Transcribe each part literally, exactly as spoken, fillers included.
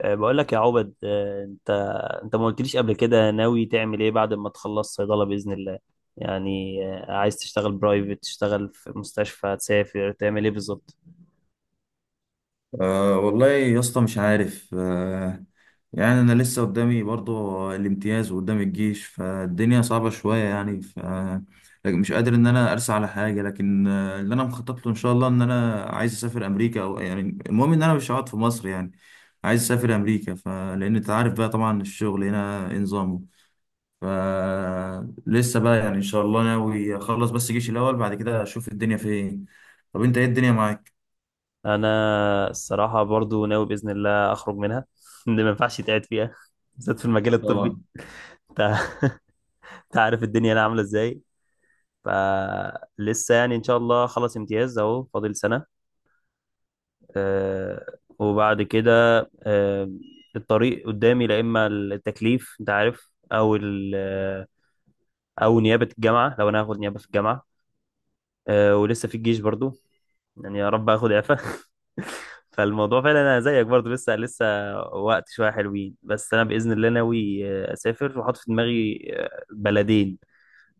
أه، بقول لك يا عبد، أه، انت انت ما قلتليش قبل كده ناوي تعمل ايه بعد ما تخلص صيدلة بإذن الله؟ يعني أه، عايز تشتغل برايفت، تشتغل في مستشفى، تسافر، تعمل ايه بالظبط؟ أه والله يا اسطى، مش عارف. أه يعني انا لسه قدامي برضو الامتياز وقدام الجيش، فالدنيا صعبة شوية يعني. ف لكن مش قادر ان انا ارسى على حاجة. لكن آه، اللي انا مخطط له ان شاء الله ان انا عايز اسافر امريكا او يعني، المهم ان انا مش هقعد في مصر يعني. عايز اسافر امريكا فلان، انت عارف بقى طبعا الشغل هنا إيه نظامه. ف لسه بقى يعني ان شاء الله ناوي اخلص بس جيش الاول، بعد كده اشوف الدنيا فين. طب انت ايه الدنيا معاك؟ انا الصراحة برضو ناوي بإذن الله اخرج منها اللي ما ينفعش يتقعد فيها، بالذات في المجال الطبي. طبعا. انت أنت عارف الدنيا هنا عاملة ازاي. فلسه يعني ان شاء الله خلص امتياز اهو، فاضل سنة. آه، وبعد كده، آه، الطريق قدامي، لا اما التكليف انت عارف، او ال- آه، او نيابه الجامعه، لو انا هاخد نيابه في الجامعه. آه، ولسه في الجيش برضو، يعني يا رب اخد اعفاء. فالموضوع فعلا انا زيك، برضو لسه لسه وقت شويه حلوين. بس انا باذن الله ناوي آه، اسافر، وحاطط في دماغي آه، بلدين: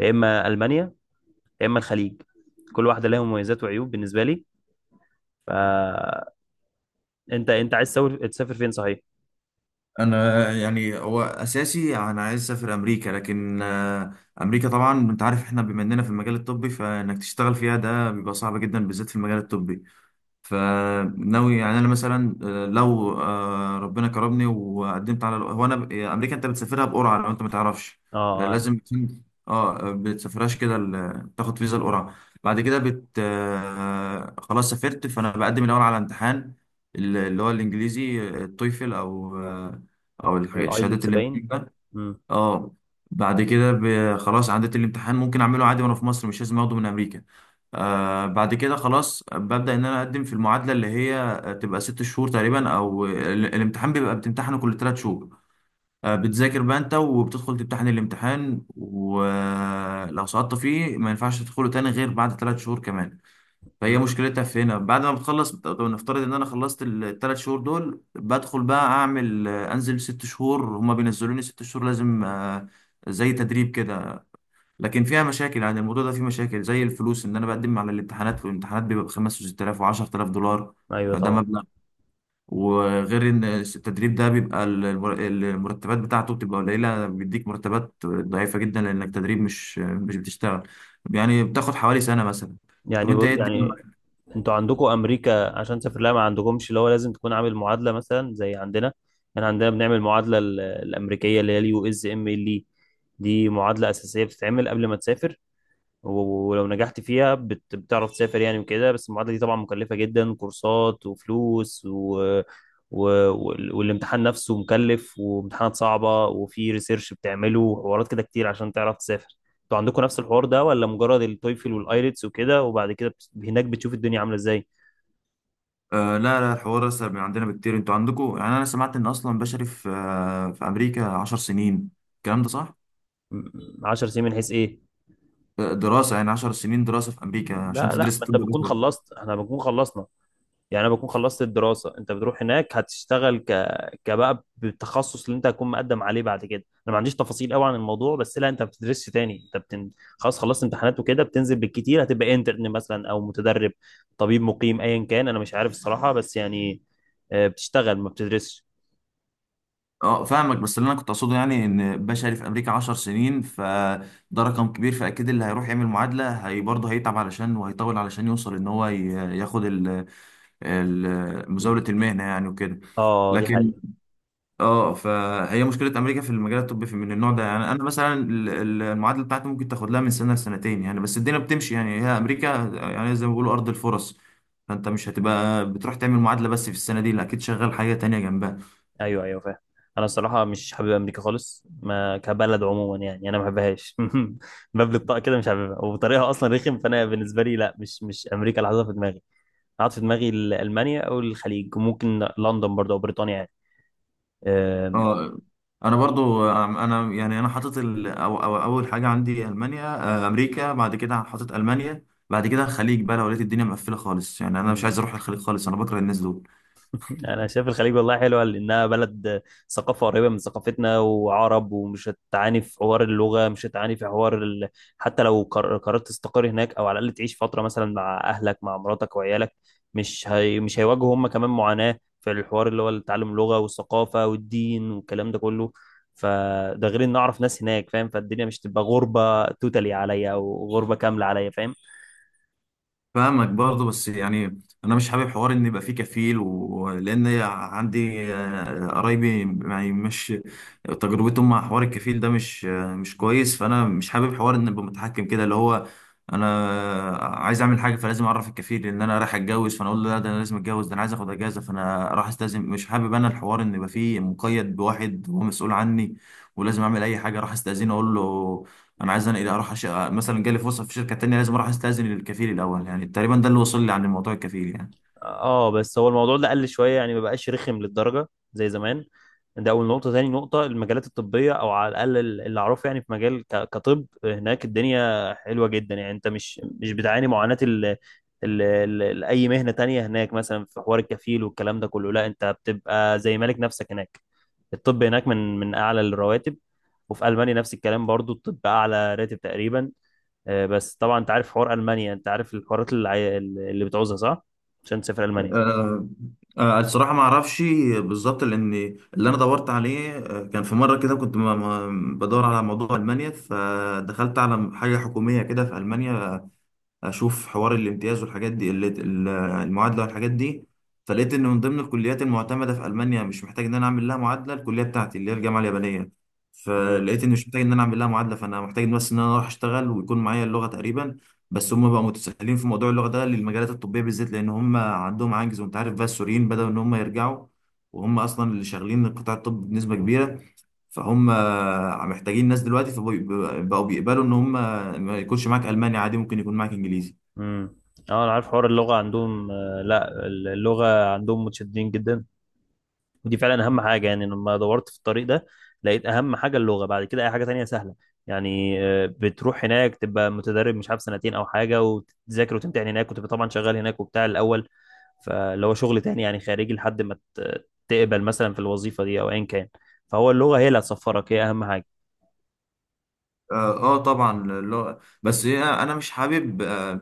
يا اما المانيا، يا اما الخليج. كل واحده لها مميزات وعيوب بالنسبه لي. فانت، انت أنت عايز تسافر، تسافر فين صحيح؟ انا يعني هو اساسي انا عايز اسافر امريكا، لكن آه، امريكا طبعا انت عارف، احنا بما اننا في المجال الطبي فانك تشتغل فيها ده بيبقى صعب جدا بالذات في المجال الطبي. فناوي يعني انا مثلا، آه، لو آه، ربنا كرمني وقدمت على، هو انا ب- امريكا انت بتسافرها بقرعه لو انت ما تعرفش. آه، اه، لازم بتكون- اه بتسافرهاش كده، ال- تاخد فيزا القرعه. بعد كده بت آه، خلاص سافرت، فانا بقدم الاول على امتحان، ال- اللي هو الانجليزي، آه، التويفل او آه، او الح- الشهادات والايلتس اللي من باين. ده. امم. اه، بعد كده ب- خلاص عديت الامتحان، ممكن اعمله عادي وانا في مصر، مش لازم اخده من امريكا. آه بعد كده خلاص ببدأ إن أنا أقدم في المعادلة، اللي هي تبقى ست شهور تقريبا، أو ال- الامتحان بيبقى بتمتحنه كل تلات شهور. آه بتذاكر بقى أنت وبتدخل تمتحن الامتحان، ولو سقطت فيه ما ينفعش تدخله تاني غير بعد تلات شهور كمان. فهي أمم. مشكلتها في هنا، بعد ما بتخلص بت- نفترض إن أنا خلصت التلات شهور دول، بدخل بقى أعمل، آه، أنزل ست شهور، هما بينزلوني ست شهور لازم آه زي تدريب كده. لكن فيها مشاكل، يعني الموضوع ده فيه مشاكل زي الفلوس، ان انا بقدم على الامتحانات والامتحانات بيبقى ب خمس وست آلاف وعشرة آلاف دولار. ايوه فده طبعا. مبلغ. وغير ان التدريب ده بيبقى المر- المرتبات بتاعته بتبقى قليله، بيديك مرتبات ضعيفه جدا لانك تدريب مش مش بتشتغل، يعني بتاخد حوالي سنه مثلا. طب يعني انت بص- ايه الدنيا يعني معاك؟ انتوا عندكم امريكا عشان تسافر لها، ما عندكمش اللي هو لازم تكون عامل معادله مثلا زي عندنا؟ يعني عندنا بنعمل معادله ال- الامريكيه اللي هي اليو اس ام ال. دي معادله اساسيه بتتعمل قبل ما تسافر، و- ولو نجحت فيها بت- بتعرف تسافر يعني وكده. بس المعادلة دي طبعا مكلفة جدا، كورسات وفلوس و... و... وال- والامتحان نفسه مكلف، وامتحانات صعبة، وفي ريسيرش بتعمله وحوارات كده كتير عشان تعرف تسافر. انتوا عندكم نفس الحوار ده ولا مجرد التويفل والايلتس وكده، وبعد كده بت- هناك بتشوف الدنيا عاملة ازاي؟ آه لا لا، الحوار اسهل من عندنا بكتير. انتوا عندكم يعني، انا سمعت ان اصلا بشري في آه، في امريكا عشر سنين، الكلام ده صح؟ م- عشر سنين؟ من حيث ايه؟ آه، دراسه يعني عشر سنين دراسه في امريكا عشان لا لا، تدرس ما طب انت بتكون بشري. خلصت، احنا بنكون خلصنا. يعني انا بكون خلصت الدراسه، انت بتروح هناك هتشتغل ك كبقى بالتخصص اللي انت هتكون مقدم عليه بعد كده. انا ما عنديش تفاصيل قوي عن الموضوع، بس لا، انت ما بتدرسش تاني، انت بتن... خلاص خلصت امتحانات وكده، بتنزل بالكتير هتبقى انترن مثلا او متدرب، طبيب مقيم ايا كان، انا مش عارف الصراحه، بس يعني آه، بتشتغل ما بتدرسش. اه فاهمك، بس اللي انا كنت اقصده يعني ان بشري في امريكا عشر سنين، فده رقم كبير، فاكيد اللي هيروح يعمل معادله هي برضه هيتعب علشان وهيطول علشان يوصل ان هو ي- ياخد ال- ال- مزاوله المهنه يعني وكده. اه، دي لكن حقيقه. اه فهي مشكله امريكا في المجال الطبي في من النوع ده. يعني انا مثلا ال- ال- المعادله بتاعتي ممكن تاخد لها من سنه لسنتين يعني، بس الدنيا بتمشي يعني، هي امريكا يعني زي ما بيقولوا ارض الفرص. فانت مش هتبقى بتروح تعمل معادله بس في السنه دي، لا اكيد شغال حاجه تانية جنبها. ايوه ايوه، فاهم. انا الصراحه مش حابب امريكا خالص، ما كبلد عموما، يعني انا ما بحبهاش. باب الطاقه كده مش حاببها، وطريقها اصلا رخم. فانا بالنسبه لي لا، مش مش امريكا اللي حاططها في دماغي. قعدت في دماغي المانيا او الخليج، ممكن لندن برضه او بريطانيا يعني. اه انا برضو، آم، انا يعني انا حاطط ال... أو... أو... اول حاجه عندي المانيا. آه، امريكا، بعد كده حاطط المانيا، بعد كده الخليج بقى لو لقيت الدنيا مقفله خالص. يعني انا مش أم. عايز اروح الخليج خالص، انا بكره الناس دول. انا شايف الخليج والله حلوه، لانها بلد ثقافه قريبه من ثقافتنا وعرب، ومش هتعاني في حوار اللغه، مش هتعاني في حوار ال... حتى لو قر- قررت تستقر هناك، او على الاقل تعيش فتره مثلا مع اهلك، مع مراتك وعيالك، مش هي... مش هيواجهوا هم كمان معاناه في الحوار اللي هو تعلم اللغه والثقافه والدين والكلام ده كله. فده غير ان اعرف ناس هناك، فاهم؟ فالدنيا مش تبقى غربه توتالي عليا، او غربه كامله عليا، فاهم؟ فاهمك برضه، بس يعني انا مش حابب حوار ان يبقى فيه كفيل، ولان عندي آه، قرايبي، يعني مش تجربتهم مع حوار الكفيل ده مش آه، مش كويس. فانا مش حابب حوار ان ابقى متحكم كده، اللي هو انا عايز اعمل حاجه فلازم اعرف الكفيل ان انا رايح اتجوز، فانا اقول له لا ده انا لازم اتجوز، ده انا عايز اخد اجازه فانا راح استاذن. مش حابب انا الحوار ان يبقى فيه مقيد بواحد هو مسؤول عني، ولازم اعمل اي حاجه راح استاذنه اقول له انا عايز، انا اذا اروح أش... مثلا جالي فرصه في شركه تانية، لازم اروح استاذن للكفيل الاول. يعني تقريبا ده اللي وصل لي عن موضوع الكفيل يعني. اه، بس هو الموضوع ده قل شويه، يعني ما بقاش رخم للدرجه زي زمان. ده اول نقطه. تاني نقطه، المجالات الطبيه او على الاقل اللي اعرفه، يعني في مجال ك- كطب هناك الدنيا حلوه جدا. يعني انت مش مش بتعاني معاناه ال ال ال ال- اي مهنه تانية هناك، مثلا في حوار الكفيل والكلام ده كله. لا، انت بتبقى زي مالك نفسك هناك. الطب هناك من من اعلى الرواتب. وفي المانيا نفس الكلام برضو، الطب اعلى راتب تقريبا. آه، بس طبعا انت عارف حوار المانيا، انت عارف الحوارات اللي عاي- اللي بتعوزها صح، عشان تسافر المانيا؟ أه أه، الصراحه ما اعرفش بالظبط، لان اللي انا دورت عليه آه، كان في مره كده كنت م- م- بدور على موضوع المانيا، فدخلت على حاجه حكوميه كده في المانيا اشوف حوار الامتياز والحاجات دي، اللي- ال- المعادله والحاجات دي. فلقيت ان من ضمن الكليات المعتمده في المانيا مش محتاج ان انا اعمل لها معادله، الكليه بتاعتي اللي هي الجامعه اليابانيه. امم، فلقيت ان مش محتاج ان انا اعمل لها معادله، فانا محتاج بس ان انا اروح اشتغل ويكون معايا اللغه تقريبا. بس هم بقى متساهلين في موضوع اللغه ده للمجالات الطبيه بالذات، لان هم عندهم عجز، وانت عارف بقى السوريين بداوا ان هم يرجعوا، وهم اصلا اللي شغالين قطاع الطب بنسبه كبيره، فهم محتاجين ناس دلوقتي، فبقوا بقوا بيقبلوا ان هم ما يكونش معاك الماني عادي، ممكن يكون معاك انجليزي. امم. اه، انا عارف حوار اللغه عندهم. آه، لا، اللغه عندهم متشددين جدا. ودي فعلا اهم حاجه. يعني لما دورت في الطريق ده، لقيت اهم حاجه اللغه، بعد كده اي حاجه تانية سهله. يعني آه، بتروح هناك تبقى متدرب مش عارف سنتين او حاجه، وتذاكر وتمتحن هناك، وتبقى طبعا شغال هناك وبتاع الاول، فاللي هو شغل تاني يعني خارجي، لحد ما ت- تقبل مثلا في الوظيفه دي او ايا كان. فهو اللغه هي اللي هتسفرك، هي اهم حاجه. اه. آه طبعا اللغه، بس هي انا مش حابب آه،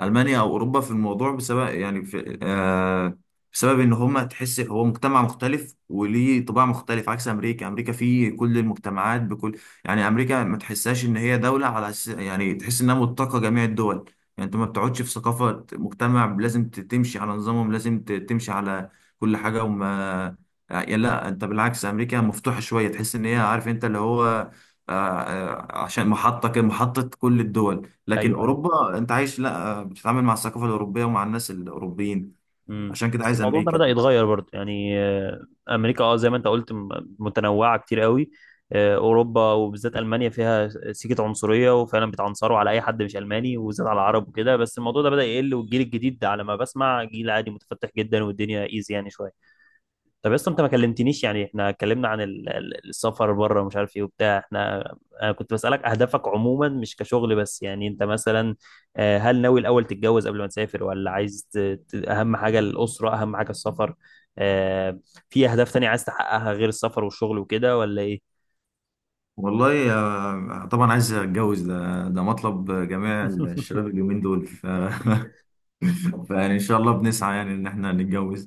ألمانيا أو أوروبا في الموضوع بسبب، يعني في آه بسبب إن هما تحس هو مجتمع مختلف وليه طباع مختلف، عكس أمريكا. أمريكا فيه كل المجتمعات بكل، يعني أمريكا ما تحسهاش إن هي دولة على أس... يعني تحس إنها متقة جميع الدول. يعني أنت ما بتقعدش في ثقافة مجتمع لازم ت- تمشي على نظامهم، لازم ت- تمشي على كل حاجة وما يعني لا، أنت بالعكس أمريكا مفتوحة شوية، تحس إن هي، عارف أنت اللي هو آه آه، عشان محطة كده- محطة كل الدول. لكن ايوه ايوه. اوروبا انت عايش لا، بتتعامل مع الثقافة الأوروبية ومع الناس الأوروبيين، امم، عشان كده بس عايز الموضوع ده أمريكا. بدأ يتغير برضه، يعني آه، امريكا اه زي ما انت قلت م- متنوعه كتير قوي. آه، اوروبا وبالذات المانيا فيها سيكه عنصريه، وفعلا بيتعنصروا على اي حد مش الماني، وبالذات على العرب وكده. بس الموضوع ده بدأ يقل، والجيل الجديد ده على ما بسمع جيل عادي متفتح جدا، والدنيا ايزي يعني شويه. طب اصلا انت ما كلمتنيش. يعني احنا اتكلمنا عن ال- ال- السفر بره ومش عارف ايه وبتاع، احنا انا كنت بسألك اهدافك عموما مش كشغل بس. يعني انت مثلا آه، هل ناوي الاول تتجوز قبل ما تسافر، ولا عايز ت- ت- اهم حاجة الأسرة، اهم حاجة السفر؟ آه، في اهداف تانية عايز تحققها غير السفر والشغل وكده ولا ايه؟ والله آه، طبعا عايز أتجوز، ده ده مطلب جميع الشباب اليومين دول ف... فيعني إن شاء الله بنسعى يعني إن إحنا نتجوز.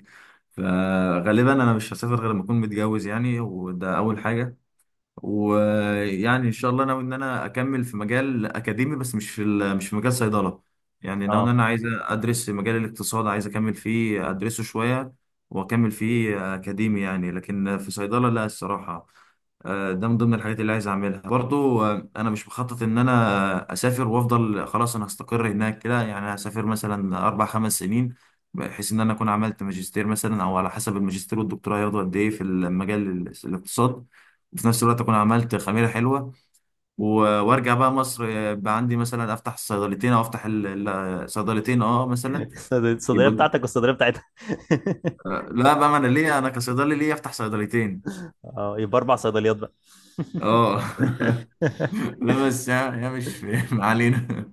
فغالبا أنا مش هسافر غير لما أكون متجوز يعني، وده أول حاجة. ويعني ان شاء الله ناوي ان انا اكمل في مجال اكاديمي، بس مش في ال- مش في مجال صيدله. يعني ناوي ان اه، انا عايز ادرس مجال الاقتصاد، عايز اكمل فيه ادرسه شويه واكمل فيه اكاديمي يعني، لكن في صيدله لا الصراحه. آه، ده من ضمن الحاجات اللي عايز اعملها برضو. آه، انا مش مخطط ان انا اسافر وافضل خلاص انا هستقر هناك كده، يعني هسافر مثلا اربع خمس سنين، بحيث ان انا اكون عملت ماجستير مثلا، او على حسب الماجستير والدكتوراه هياخدوا قد ايه في المجال ال- الاقتصاد، وفي نفس الوقت اكون عملت خميره حلوه، و- وارجع بقى مصر. آه، بقى عندي مثلا افتح الصيدلتين او افتح ال- ال- صيدلتين اه مثلا. الصيدلية يبقى بتاعتك والصيدلية بتاعتها. آه، لا بقى، ما انا ليه انا كصيدلي ليه افتح صيدلتين؟ اه يبقى اربع صيدليات بقى. اه لا بس، يا يا مش ما علينا.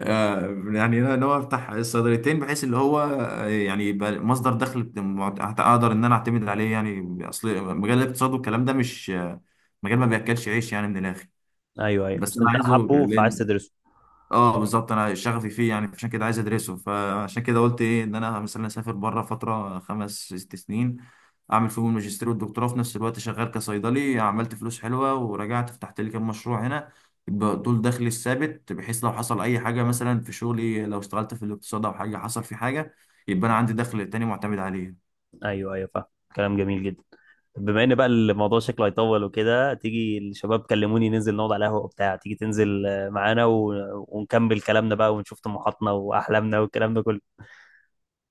آه، يعني انا ناوي افتح الصيدليتين بحيث اللي هو آه، يعني يبقى مصدر دخل، معت- اقدر ان انا اعتمد عليه. يعني اصل مجال الاقتصاد والكلام ده مش آه، مجال ما بياكلش عيش يعني من الاخر. ايوه ايوه، بس بس انا انت عايزه، حابه فعايز تدرسه. اه بالظبط انا شغفي فيه، يعني عشان كده عايز ادرسه. فعشان كده قلت ايه ان انا مثلا اسافر بره فتره خمس ست سنين، اعمل فيهم الماجستير والدكتوراه في نفس الوقت شغال كصيدلي، عملت فلوس حلوه ورجعت فتحت لي كام مشروع هنا. يبقى دول دخلي الثابت، بحيث لو حصل اي حاجه مثلا في شغلي، لو اشتغلت في الاقتصاد او حاجه حصل في حاجه، يبقى انا عندي دخل تاني معتمد عليه. ايوه ايوه، فاهم. كلام جميل جدا. بما ان بقى الموضوع شكله هيطول وكده، تيجي، الشباب كلموني ننزل نقعد على قهوة وبتاع، تيجي تنزل آه، معانا، و... ونكمل كلامنا بقى، ونشوف طموحاتنا واحلامنا والكلام ده كله.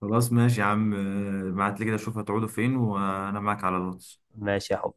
خلاص ماشي يا عم. آه، بعت لي كده اشوف هتقعدوا فين، وانا معاك على الواتس. ماشي يا حب.